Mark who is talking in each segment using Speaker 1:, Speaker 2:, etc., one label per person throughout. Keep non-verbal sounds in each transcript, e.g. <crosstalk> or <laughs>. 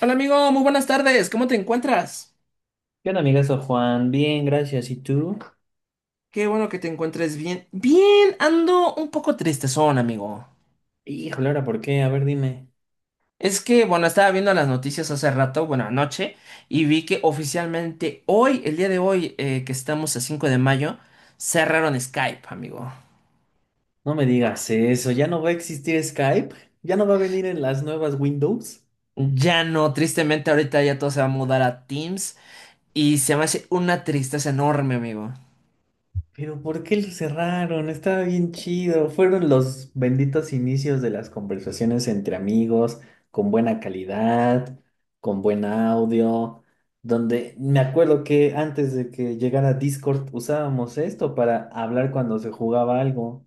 Speaker 1: Hola amigo, muy buenas tardes. ¿Cómo te encuentras?
Speaker 2: ¿Qué onda, amigazo Juan? Bien, gracias. ¿Y tú?
Speaker 1: Qué bueno que te encuentres bien. Bien, ando un poco tristezón, amigo.
Speaker 2: Híjole, ahora, ¿por qué? A ver, dime.
Speaker 1: Es que, bueno, estaba viendo las noticias hace rato, bueno, anoche, y vi que oficialmente hoy, el día de hoy, que estamos a 5 de mayo, cerraron Skype, amigo.
Speaker 2: No me digas eso. ¿Ya no va a existir Skype? ¿Ya no va a venir en las nuevas Windows?
Speaker 1: Ya no, tristemente ahorita ya todo se va a mudar a Teams y se me hace una tristeza enorme, amigo.
Speaker 2: Pero ¿por qué lo cerraron? Estaba bien chido. Fueron los benditos inicios de las conversaciones entre amigos, con buena calidad, con buen audio, donde me acuerdo que antes de que llegara Discord usábamos esto para hablar cuando se jugaba algo.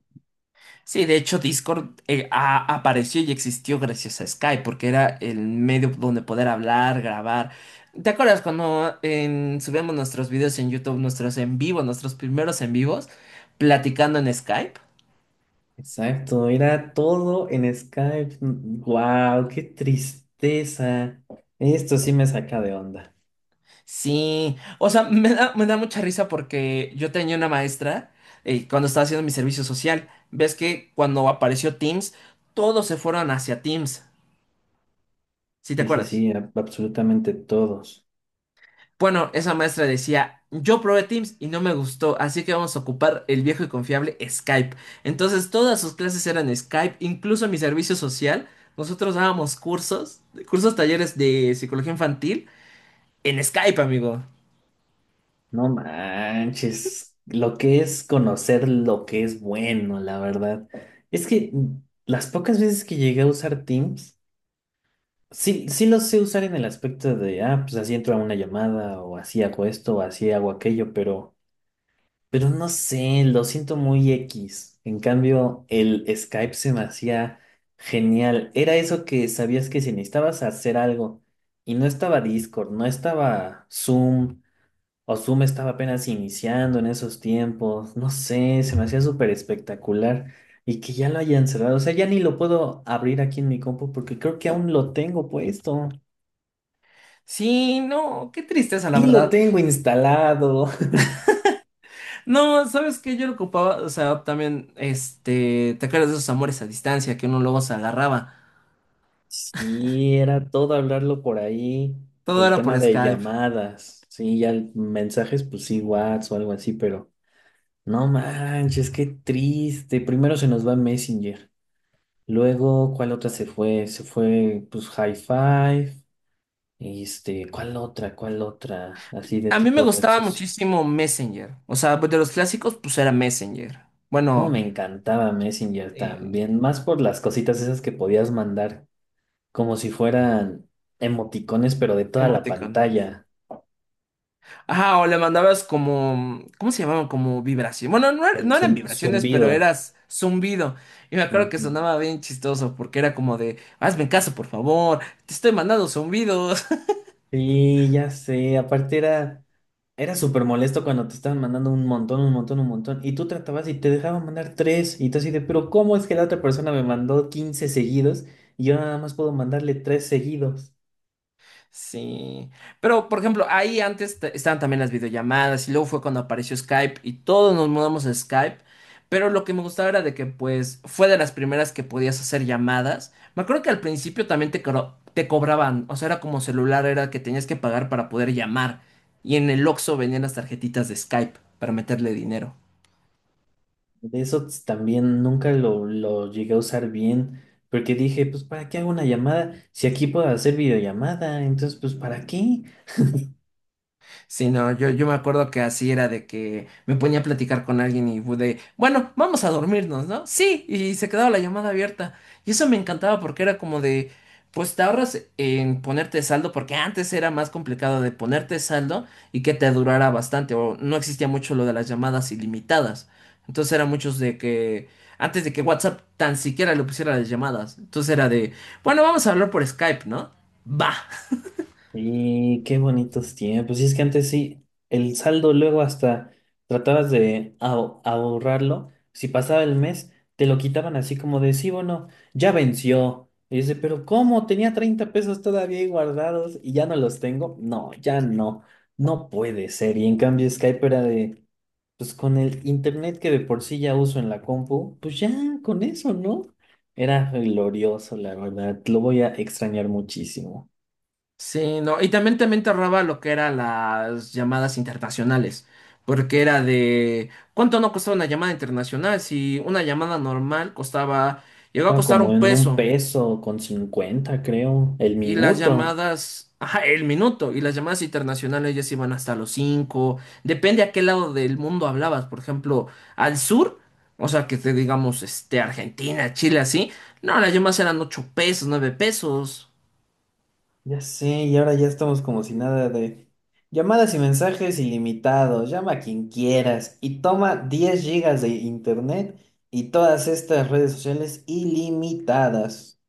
Speaker 1: Sí, de hecho Discord apareció y existió gracias a Skype, porque era el medio donde poder hablar, grabar. ¿Te acuerdas cuando subíamos nuestros videos en YouTube, nuestros en vivo, nuestros primeros en vivos, platicando en Skype?
Speaker 2: Exacto, era todo en Skype. Wow, qué tristeza. Esto sí me saca de onda.
Speaker 1: Sí, o sea, me da mucha risa porque yo tenía una maestra cuando estaba haciendo mi servicio social. Ves que cuando apareció Teams, todos se fueron hacia Teams. ¿Sí te
Speaker 2: Sí, sí,
Speaker 1: acuerdas?
Speaker 2: sí, absolutamente todos.
Speaker 1: Bueno, esa maestra decía, yo probé Teams y no me gustó, así que vamos a ocupar el viejo y confiable Skype. Entonces todas sus clases eran Skype, incluso mi servicio social. Nosotros dábamos cursos, cursos talleres de psicología infantil en Skype, amigo.
Speaker 2: No manches, lo que es conocer lo que es bueno, la verdad. Es que, las pocas veces que llegué a usar Teams, sí, sí lo sé usar en el aspecto de, ah, pues así entro a una llamada o así hago esto o así hago aquello, pero... Pero no sé, lo siento muy X. En cambio, el Skype se me hacía genial. Era eso que sabías que si necesitabas hacer algo y no estaba Discord, no estaba Zoom, o Zoom estaba apenas iniciando en esos tiempos, no sé, se me hacía súper espectacular. Y que ya lo hayan cerrado, o sea, ya ni lo puedo abrir aquí en mi compu porque creo que aún lo tengo puesto.
Speaker 1: Sí, no, qué tristeza, la
Speaker 2: Sí lo
Speaker 1: verdad.
Speaker 2: tengo instalado.
Speaker 1: No, sabes que yo lo ocupaba, o sea, también, este, te acuerdas de esos amores a distancia que uno luego se agarraba.
Speaker 2: Sí, era todo hablarlo por ahí,
Speaker 1: Todo
Speaker 2: el
Speaker 1: era
Speaker 2: tema
Speaker 1: por
Speaker 2: de
Speaker 1: Skype.
Speaker 2: llamadas, sí, ya mensajes, pues sí, WhatsApp o algo así, pero no manches, qué triste. Primero se nos va Messenger, luego, ¿cuál otra se fue? Se fue, pues, High Five, este, ¿cuál otra? ¿Cuál otra? Así de
Speaker 1: A mí me
Speaker 2: tipo red
Speaker 1: gustaba
Speaker 2: social.
Speaker 1: muchísimo Messenger. O sea, pues, de los clásicos, pues era Messenger.
Speaker 2: Cómo
Speaker 1: Bueno,
Speaker 2: me encantaba Messenger
Speaker 1: eh,
Speaker 2: también, más por las cositas esas que podías mandar, como si fueran emoticones, pero de toda la
Speaker 1: emoticones.
Speaker 2: pantalla.
Speaker 1: Ajá, o le mandabas como, ¿cómo se llamaban? Como vibración. Bueno, no,
Speaker 2: El
Speaker 1: no eran vibraciones, pero
Speaker 2: zumbido.
Speaker 1: eras zumbido. Y me acuerdo que
Speaker 2: Ujú.
Speaker 1: sonaba bien chistoso porque era como de, hazme caso, por favor, te estoy mandando zumbidos.
Speaker 2: Sí, ya sé. Aparte era súper molesto cuando te estaban mandando un montón, un montón, un montón. Y tú tratabas y te dejaban mandar tres. Y tú así de, pero ¿cómo es que la otra persona me mandó 15 seguidos y yo nada más puedo mandarle tres seguidos?
Speaker 1: Sí, pero por ejemplo, ahí antes estaban también las videollamadas y luego fue cuando apareció Skype y todos nos mudamos a Skype, pero lo que me gustaba era de que pues fue de las primeras que podías hacer llamadas. Me acuerdo que al principio también te cobraban, o sea, era como celular, era que tenías que pagar para poder llamar y en el Oxxo venían las tarjetitas de Skype para meterle dinero.
Speaker 2: De eso también nunca lo llegué a usar bien. Porque dije, pues, ¿para qué hago una llamada? Si aquí puedo hacer videollamada, entonces, pues, ¿para qué?
Speaker 1: Sí, no, yo me acuerdo que así era de que me ponía a platicar con alguien y de, bueno, vamos a dormirnos, ¿no? Sí, y se quedaba la llamada abierta. Y eso me encantaba porque era como de, pues te ahorras en ponerte saldo, porque antes era más complicado de ponerte saldo y que te durara bastante, o no existía mucho lo de las llamadas ilimitadas. Entonces era muchos de que, antes de que WhatsApp tan siquiera le pusiera las llamadas, entonces era de, bueno, vamos a hablar por Skype, ¿no? Va.
Speaker 2: Y qué bonitos tiempos. Y es que antes sí, el saldo luego hasta tratabas de ahorrarlo. Si pasaba el mes, te lo quitaban así como de, sí, bueno, ya venció. Y dice, pero ¿cómo? Tenía 30 pesos todavía ahí guardados y ya no los tengo. No, ya no. No puede ser. Y en cambio Skype era de, pues con el internet que de por sí ya uso en la compu, pues ya con eso, ¿no? Era glorioso, la verdad. Lo voy a extrañar muchísimo.
Speaker 1: Sí, no, y también, también te ahorraba lo que eran las llamadas internacionales, porque era de ¿cuánto no costaba una llamada internacional? Si una llamada normal costaba, llegó a
Speaker 2: Estaba
Speaker 1: costar
Speaker 2: como
Speaker 1: un
Speaker 2: en un
Speaker 1: peso,
Speaker 2: peso con 50 creo, el
Speaker 1: y las
Speaker 2: minuto.
Speaker 1: llamadas, ajá, el minuto, y las llamadas internacionales ya se iban hasta los cinco, depende a qué lado del mundo hablabas, por ejemplo, al sur, o sea, que te digamos, este, Argentina, Chile, así, no, las llamadas eran 8 pesos, 9 pesos.
Speaker 2: Ya sé, y ahora ya estamos como si nada de llamadas y mensajes ilimitados. Llama a quien quieras y toma 10 gigas de internet y todas estas redes sociales ilimitadas.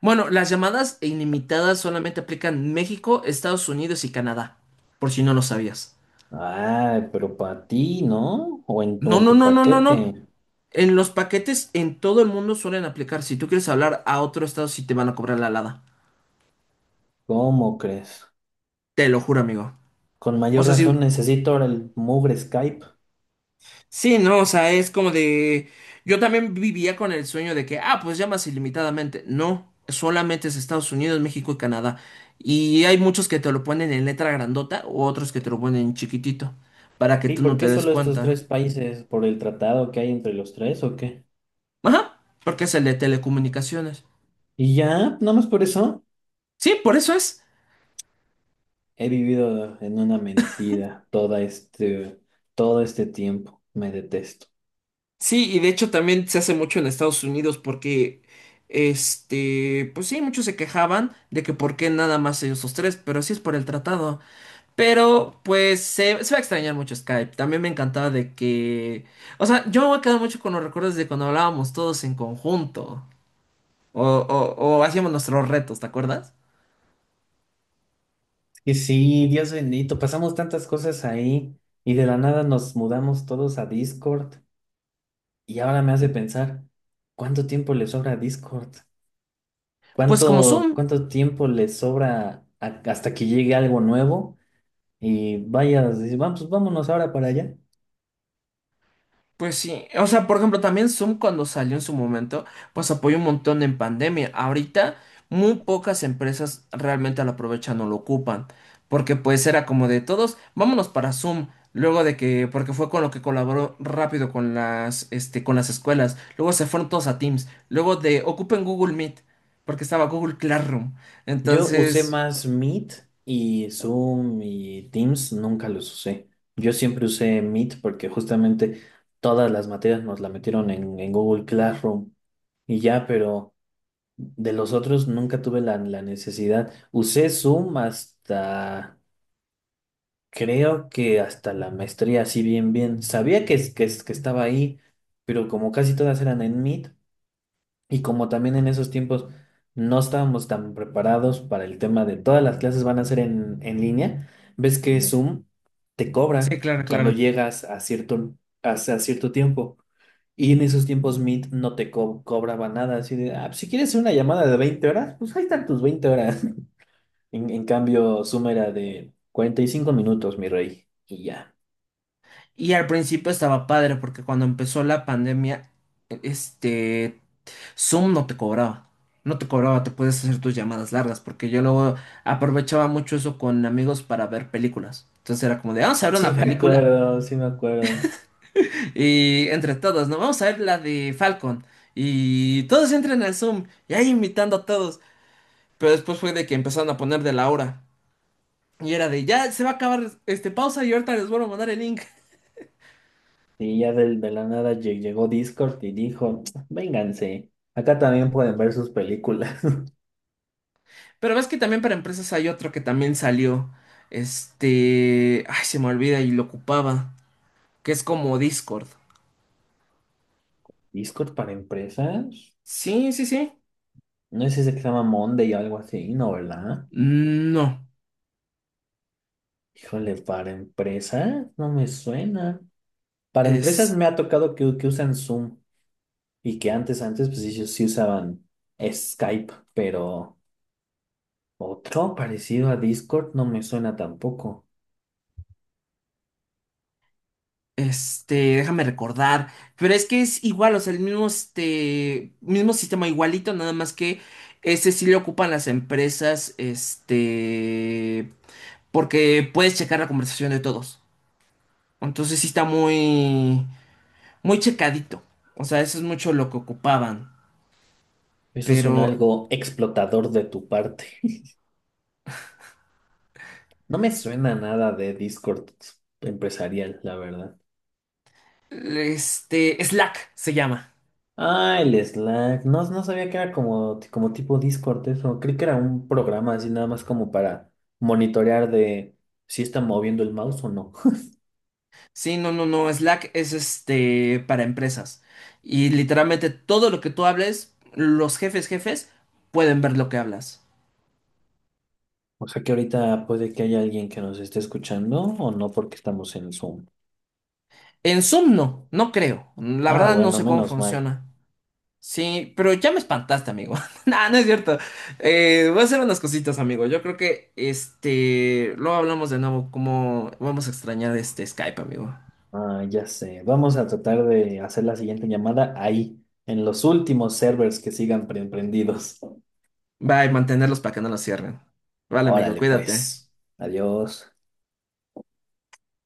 Speaker 1: Bueno, las llamadas ilimitadas solamente aplican México, Estados Unidos y Canadá, por si no lo sabías.
Speaker 2: Ay, pero para ti, ¿no? O en, tu-
Speaker 1: No,
Speaker 2: en
Speaker 1: no,
Speaker 2: tu
Speaker 1: no, no, no, no.
Speaker 2: paquete.
Speaker 1: En los paquetes en todo el mundo suelen aplicar. Si tú quieres hablar a otro estado, sí te van a cobrar la alada.
Speaker 2: ¿Cómo crees?
Speaker 1: Te lo juro, amigo.
Speaker 2: Con
Speaker 1: O
Speaker 2: mayor
Speaker 1: sea, sí,
Speaker 2: razón necesito ahora el mugre Skype.
Speaker 1: sí, no, o sea, es como de... Yo también vivía con el sueño de que, ah, pues llamas ilimitadamente. No, solamente es Estados Unidos, México y Canadá. Y hay muchos que te lo ponen en letra grandota o otros que te lo ponen en chiquitito, para que
Speaker 2: Sí,
Speaker 1: tú no
Speaker 2: ¿por
Speaker 1: te
Speaker 2: qué
Speaker 1: des
Speaker 2: solo estos
Speaker 1: cuenta.
Speaker 2: tres países? ¿Por el tratado que hay entre los tres o qué?
Speaker 1: Ajá, porque es el de telecomunicaciones.
Speaker 2: Y ya, nada más por eso,
Speaker 1: Sí, por eso es.
Speaker 2: he vivido en una mentira toda este, todo este tiempo. Me detesto.
Speaker 1: Sí, y de hecho también se hace mucho en Estados Unidos porque, este, pues sí, muchos se quejaban de que por qué nada más ellos los tres, pero sí es por el tratado. Pero pues se va a extrañar mucho Skype. También me encantaba de que, o sea, yo me voy a quedar mucho con los recuerdos de cuando hablábamos todos en conjunto o, o o hacíamos nuestros retos, ¿te acuerdas?
Speaker 2: Y sí, Dios bendito, pasamos tantas cosas ahí y de la nada nos mudamos todos a Discord y ahora me hace pensar, ¿cuánto tiempo le sobra a Discord?
Speaker 1: Pues como
Speaker 2: ¿Cuánto,
Speaker 1: Zoom.
Speaker 2: cuánto tiempo le sobra hasta que llegue algo nuevo? Y vaya, dice, vamos, vámonos ahora para allá.
Speaker 1: Pues sí, o sea, por ejemplo, también Zoom cuando salió en su momento, pues apoyó un montón en pandemia. Ahorita muy pocas empresas realmente lo aprovechan o lo ocupan, porque pues era como de todos, vámonos para Zoom, luego de que, porque fue con lo que colaboró rápido con las, este, con las escuelas, luego se fueron todos a Teams, luego de ocupen Google Meet, porque estaba Google Classroom.
Speaker 2: Yo usé
Speaker 1: Entonces,
Speaker 2: más Meet y Zoom y Teams, nunca los usé. Yo siempre usé Meet porque justamente todas las materias nos la metieron en Google Classroom y ya, pero de los otros nunca tuve la necesidad. Usé Zoom hasta, creo que hasta la maestría, así bien, bien. Sabía que, que estaba ahí, pero como casi todas eran en Meet. Y como también en esos tiempos no estábamos tan preparados para el tema de todas las clases van a ser en línea, ves que Ujú. Zoom te
Speaker 1: sí,
Speaker 2: cobra
Speaker 1: claro,
Speaker 2: cuando
Speaker 1: claro.
Speaker 2: llegas a cierto, a cierto tiempo. Y en esos tiempos Meet no te cobraba nada. Así de, "Ah, pues, si quieres una llamada de 20 horas, pues ahí están tus 20 horas. <laughs> En cambio, Zoom era de 45 minutos, mi rey. Y ya.
Speaker 1: Y al principio estaba padre porque cuando empezó la pandemia, este, Zoom no te cobraba. No te cobraba, te puedes hacer tus llamadas largas porque yo luego aprovechaba mucho eso con amigos para ver películas. Entonces era como de, vamos a ver
Speaker 2: Sí
Speaker 1: una
Speaker 2: me
Speaker 1: película
Speaker 2: acuerdo, sí me acuerdo.
Speaker 1: y entre todos, ¿no? Vamos a ver la de Falcon y todos entran al Zoom y ahí invitando a todos. Pero después fue de que empezaron a poner de la hora y era de, ya se va a acabar este pausa y ahorita les vuelvo a mandar el link.
Speaker 2: Y ya la nada llegó Discord y dijo, vénganse, acá también pueden ver sus películas.
Speaker 1: Pero ves que también para empresas hay otro que también salió. Este. Ay, se me olvida y lo ocupaba. Que es como Discord.
Speaker 2: <laughs> ¿Discord para empresas?
Speaker 1: Sí, sí, sí.
Speaker 2: No es ese que se llama Monday o algo así, ¿no, verdad?
Speaker 1: No.
Speaker 2: Híjole, ¿para empresas? No me suena. Para empresas
Speaker 1: Es.
Speaker 2: me ha tocado que usan Zoom y que antes, antes, pues ellos sí usaban Skype, pero otro parecido a Discord no me suena tampoco.
Speaker 1: Este. Déjame recordar. Pero es que es igual, o sea, el mismo este. Mismo sistema igualito, nada más que. Ese sí le ocupan las empresas. Este. Porque puedes checar la conversación de todos. Entonces sí está muy. Muy checadito. O sea, eso es mucho lo que ocupaban.
Speaker 2: Eso
Speaker 1: Pero
Speaker 2: suena algo explotador de tu parte. No me suena nada de Discord empresarial, la verdad.
Speaker 1: Slack se llama.
Speaker 2: Ah, el Slack. No, no sabía que era como, como tipo Discord eso. Creí que era un programa así nada más como para monitorear de si está moviendo el mouse o no. <laughs>
Speaker 1: Sí, no, no, no, Slack es este para empresas. Y literalmente todo lo que tú hables, los jefes, jefes, pueden ver lo que hablas.
Speaker 2: O sea que ahorita puede que haya alguien que nos esté escuchando o no porque estamos en Zoom.
Speaker 1: En Zoom no, no creo. La
Speaker 2: Ah,
Speaker 1: verdad no
Speaker 2: bueno,
Speaker 1: sé cómo
Speaker 2: menos mal.
Speaker 1: funciona. Sí, pero ya me espantaste, amigo. <laughs> No, no es cierto. Voy a hacer unas cositas, amigo. Yo creo que este, luego hablamos de nuevo cómo vamos a extrañar este Skype, amigo.
Speaker 2: Ah, ya sé. Vamos a tratar de hacer la siguiente llamada ahí, en los últimos servers que sigan prendidos.
Speaker 1: Bye, mantenerlos para que no los cierren. Vale, amigo,
Speaker 2: Órale,
Speaker 1: cuídate.
Speaker 2: pues. Adiós.